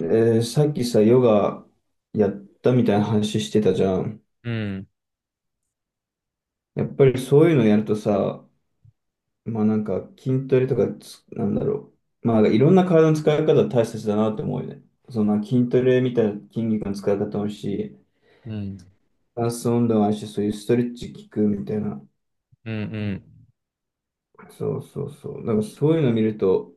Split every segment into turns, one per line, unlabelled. さっきさ、ヨガやったみたいな話してたじゃん。
うん、
やっぱりそういうのやるとさ、まあなんか筋トレとかなんだろう。まあいろんな体の使い方大切だなって思うよね。その筋トレみたいな筋肉の使い方もあるし、
うん、
ダンス運動もあるし、そういうストレッチ効くみたいな。
うん、
そうそうそう。だからそういうの見ると、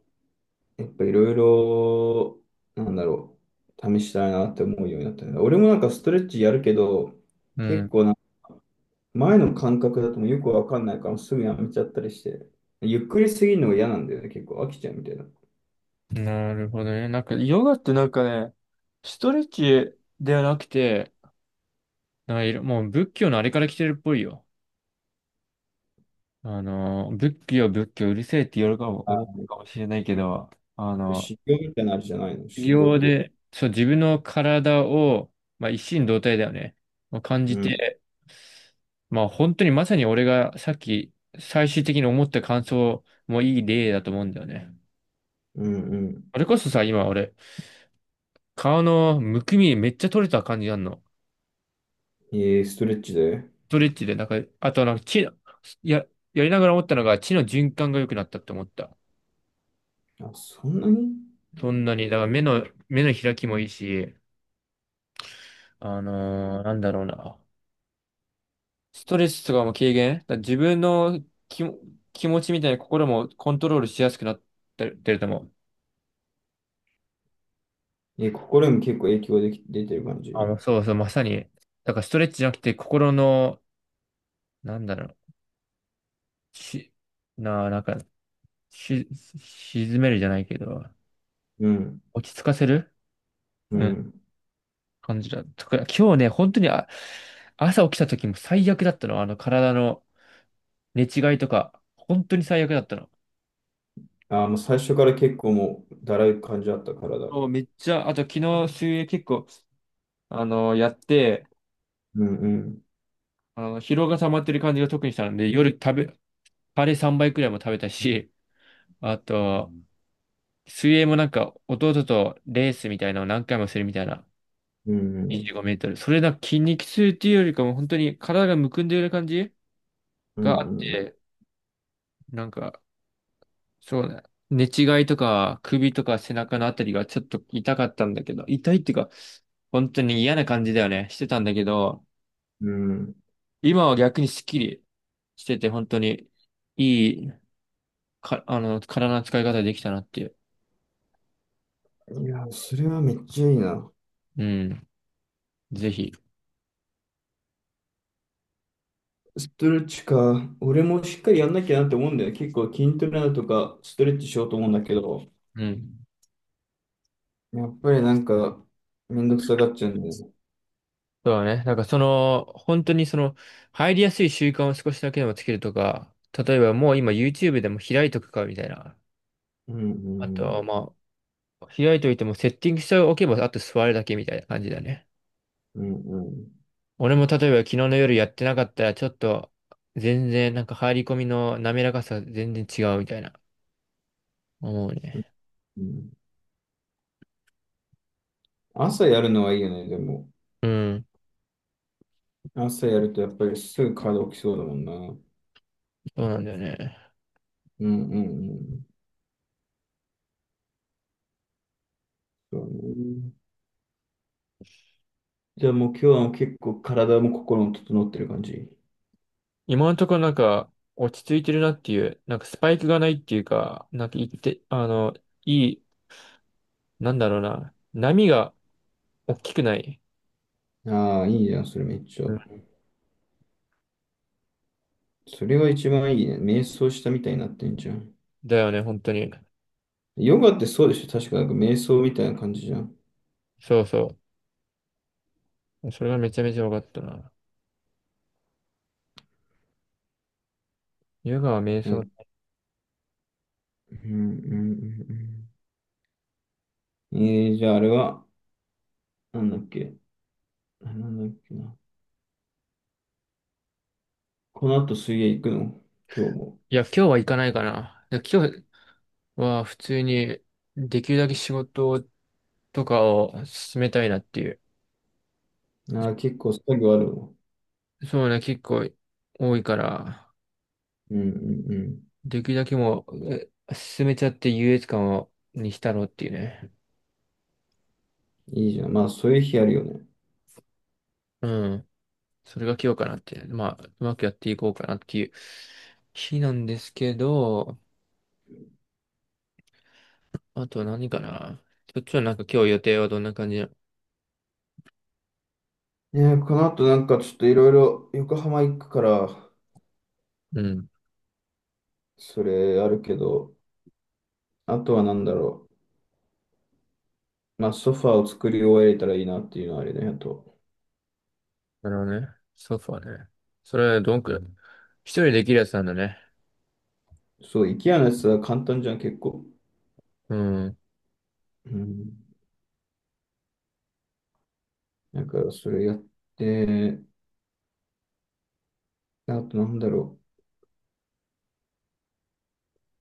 やっぱいろいろ、なんだろう、試したいなって思うようになったね。俺もなんかストレッチやるけど、
う
結
ん、
構前の感覚だともうよくわかんないからすぐやめちゃったりして、ゆっくりすぎるのが嫌なんだよね、結構飽きちゃうみたいな。
うん。なるほどね。なんか、ヨガってなんかね、ストレッチではなくて、なんかいろもう仏教のあれから来てるっぽいよ。仏教、仏教、うるせえって言かも、
あ、
思うかもしれないけど、あの、
修行みたいなあれじゃないの、
修
修行っ
行
て。
で、そう、自分の体を、一心同体だよね。まあ、感
う
じ
ん、
て、まあ、本当にまさに俺がさっき、最終的に思った感想もいい例だと思うんだよね。
うん、うん。
それこそさ、今俺、顔のむくみめっちゃ取れた感じなんの。
えー、ストレッチで。
ストレッチで、なんか、あとなんか血の、や、やりながら思ったのが血の循環が良くなったって思った。
あ、そんなに。
そんなに、だから目の、目の開きもいいし、なんだろうな。ストレスとかも軽減だから自分の気も、気持ちみたいな心もコントロールしやすくなってるってると思う。
えー、心にも結構影響でき、出てる感じ。
そうそう、まさに。だからストレッチじゃなくて心の、なんだろう。し、な、なんか、し、沈めるじゃないけど、
うん、
落ち着かせる
う
うん
ん。
感じだったから、今日ね、本当に、朝起きた時も最悪だったの。体の寝違いとか、本当に最悪だったの。
あ、もう最初から結構もうだらい感じあった体。
そう、めっちゃ、あと昨日水泳結構、やって、
うん、うん、
疲労が溜まってる感じが特にしたので、夜食べ、カレー3倍くらいも食べたし、あと、水泳もなんか、弟とレースみたいなのを何回もするみたいな、
うん、
25メートル。それなんか筋肉痛っていうよりかも、本当に体がむくんでる感じ
う
が
ん、
あ
う
っ
ん、うん。
て、なんか、そうだ。寝違いとか、首とか背中のあたりがちょっと痛かったんだけど、痛いっていうか、本当に嫌な感じだよね。してたんだけど、
うん。
今は逆にスッキリしてて、本当にいいか、あの、体の使い方できたなっていう。
いや、それはめっちゃいいな。
うん。ぜひ。
ストレッチか。俺もしっかりやんなきゃなって思うんだよね。結構筋トレだとかストレッチしようと思うんだけど、
うん。
やっぱりなんかめんどくさがっちゃうんだよね。
そうだね。なんかその、本当にその、入りやすい習慣を少しだけでもつけるとか、例えばもう今 YouTube でも開いとくかみたいな。
うん
あと
う
は
ん
まあ、開いといてもセッティングしておけば、あと座るだけみたいな感じだね。
うんうん
俺も例えば昨日の夜やってなかったら、ちょっと全然なんか入り込みの滑らかさ全然違うみたいな思う
うん。
ね。
うん。朝やるのはいいよね、でも。
うん、
朝やるとやっぱりすぐ体起きそうだもんな。うん
そうなんだよね。
うんうん。そうね。じゃあもう今日は結構体も心も整ってる感じ。
今のところなんか落ち着いてるなっていう、なんかスパイクがないっていうか、なんか言って、あの、いい、なんだろうな、波が大きくない。
ああ、いいじゃん、それめっちゃ。
うん
それは一番いいね。瞑想したみたいになってんじゃん。
だよね、本当に。
ヨガってそうでしょ確かなんか瞑想みたいな感じじゃん。
そうそう。それがめちゃめちゃ分かったな。ヨガは瞑
う
想。
ん、うん、うんうん。じゃああれは、なんだっけ、あ、なんだっけな。この後水泳行くの今日も。
いや、今日は行かないかな。で今日は普通にできるだけ仕事をとかを進めたいなっていう。
あー、結構作業あるの。
そうね、結構多いから、
うんうんうん。
できるだけもう進めちゃって優越感を、にしたろうっていうね。
いいじゃん。まあそういう日あるよね。
うん。それが今日かなって。まあ、うまくやっていこうかなっていう日なんですけど、あと何かな。そっちはなんか今日予定はどんな感じなの？
ねえ、この後なんかちょっといろいろ横浜行くから、
うん。
それあるけど、あとはなんだろう。まあソファーを作り終えれたらいいなっていうのはあれだよと。
なるほどね。ソファね。それはどんくらい一人できるやつなんだね。
そう、IKEA のやつは簡単じゃん、結構。
うん。
うん。だからそれやって、あとなんだろ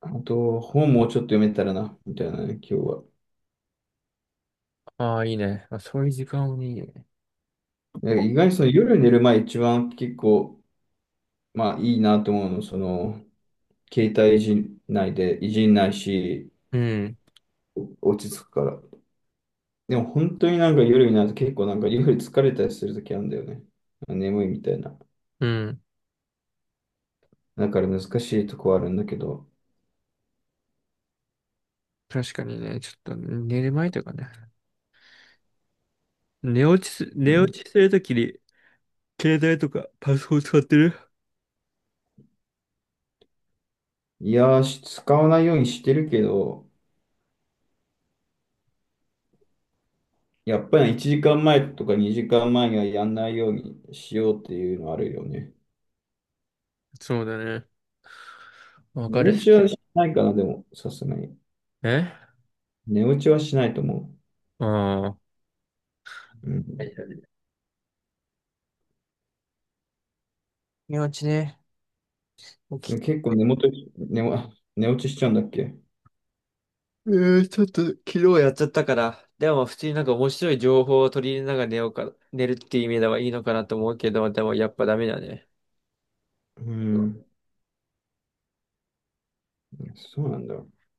う。あと、本もうちょっと読めたらな、みたいなね、今日は。
ああ、いいね。あ、そういう時間もいいね。
なんか意外にその夜寝る前一番結構、まあいいなと思うの、その、携帯いじんないで、いじんないし、
うん。
落ち着くから。でも本当になんか夜になると結構なんか夜疲れたりするときあるんだよね。眠いみたいな。
うん。
だから難しいとこはあるんだけど。
確かにね、ちょっと寝る前とかね。
う
寝
ん。
落ちするときに、携帯とかパソコン使ってる
いやー、使わないようにしてるけど、やっぱり1時間前とか2時間前にはやんないようにしようっていうのはあるよね。
そうだね。わ
寝
かるっ
落
す。
ちはしないかな、でも、さすがに。
え
寝落ちはしないと思
ああ。
う。うん、
寝落ちね。起
でも
き
結構寝元、寝も、寝落ちしちゃうんだっけ。
えー、ちょっと昨日やっちゃったから。でも普通になんか面白い情報を取り入れながら寝ようか、寝るっていう意味ではいいのかなと思うけど、でもやっぱダメだね。
うん、そうなんだ。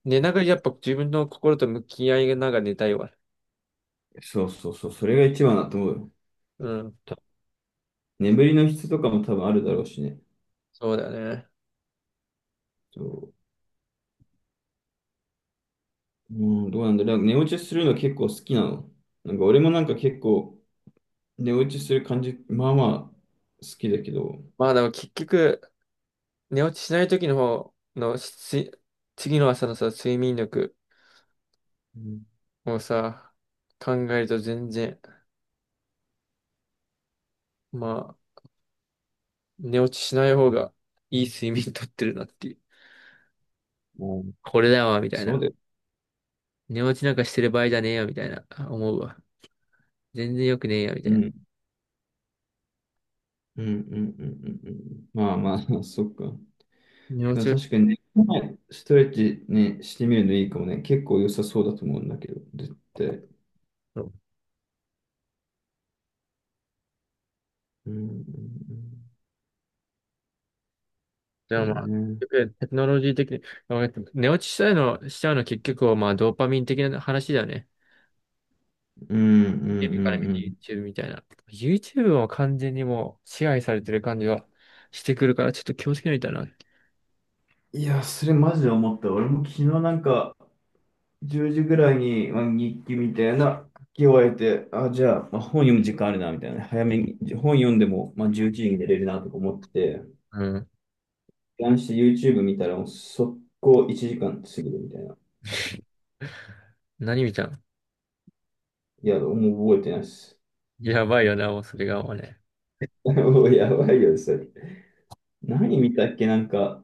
寝ながらやっぱ自分の心と向き合いながら寝たいわ。
そうそうそう、それが一番だと思うよ。
うん、
た眠りの質とかも多分あるだろうしね。
そうだね。
そう、うん、どうなんだろう。なんか寝落ちするの結構好きなの。なんか俺もなんか結構寝落ちする感じ、まあまあ好きだけど、
まあでも結局、寝落ちしない時の方のし次の朝のさ、睡眠力
うん。
をさ、考えると全然、まあ、寝落ちしない方がいい睡眠とってるなっていう。これだわ、みたい
そう
な。
だよ。
寝落ちなんかしてる場合じゃねえよ、みたいな、思うわ。全然良くねえよ、みた
う
いな。
ん。うんうんうんうんうん。まあまあ、そっか。
寝落
でも
ちを、
確かにね、ストレッチね、してみるのいいかもね。結構良さそうだと思うんだけど、絶対。
そう
うんうんうん。
で
そ
もま
う
あ、
ね。
結局テクノロジー的に、まあ寝落ちしたいの、しちゃうの結局はまあ、ドーパミン的な話だよね。
うんうん
YouTube から
うん
見
う
て
ん。
YouTube みたいな。YouTube も完全にもう支配されてる感じはしてくるから、ちょっと気をつけないとな。
いや、それマジで思った。俺も昨日なんか、10時ぐらいに、まあ、日記みたいな書き終えて、あ、じゃあ、まあ、本読む時間あるな、みたいなね。早めに、本読んでも、まあ、11時に寝れるな、とか思ってて。
うん。
ランして YouTube 見たら、もう速攻1時間過ぎるみたいな。
何見たん？
いや、もう覚えてないです。
やばいよな、もうそれがもうね。
もうやばいよ、それ。何見たっけなんか、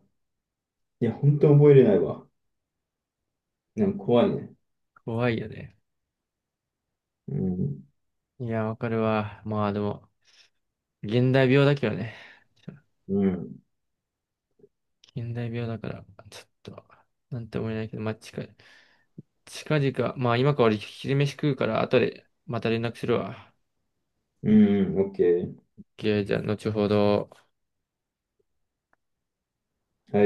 いや、本当覚えれないわ。でも怖いね。
怖いよね。
うん。
いや、わかるわ。まあでも、現代病だけどね。
うん。
現代病だから、ちょっと、なんて思えないけど、まあ近い。近々、まあ今から俺昼飯食うから、後でまた連絡するわ。
うん、OK。
オッケー、じゃあ後ほど。
はい。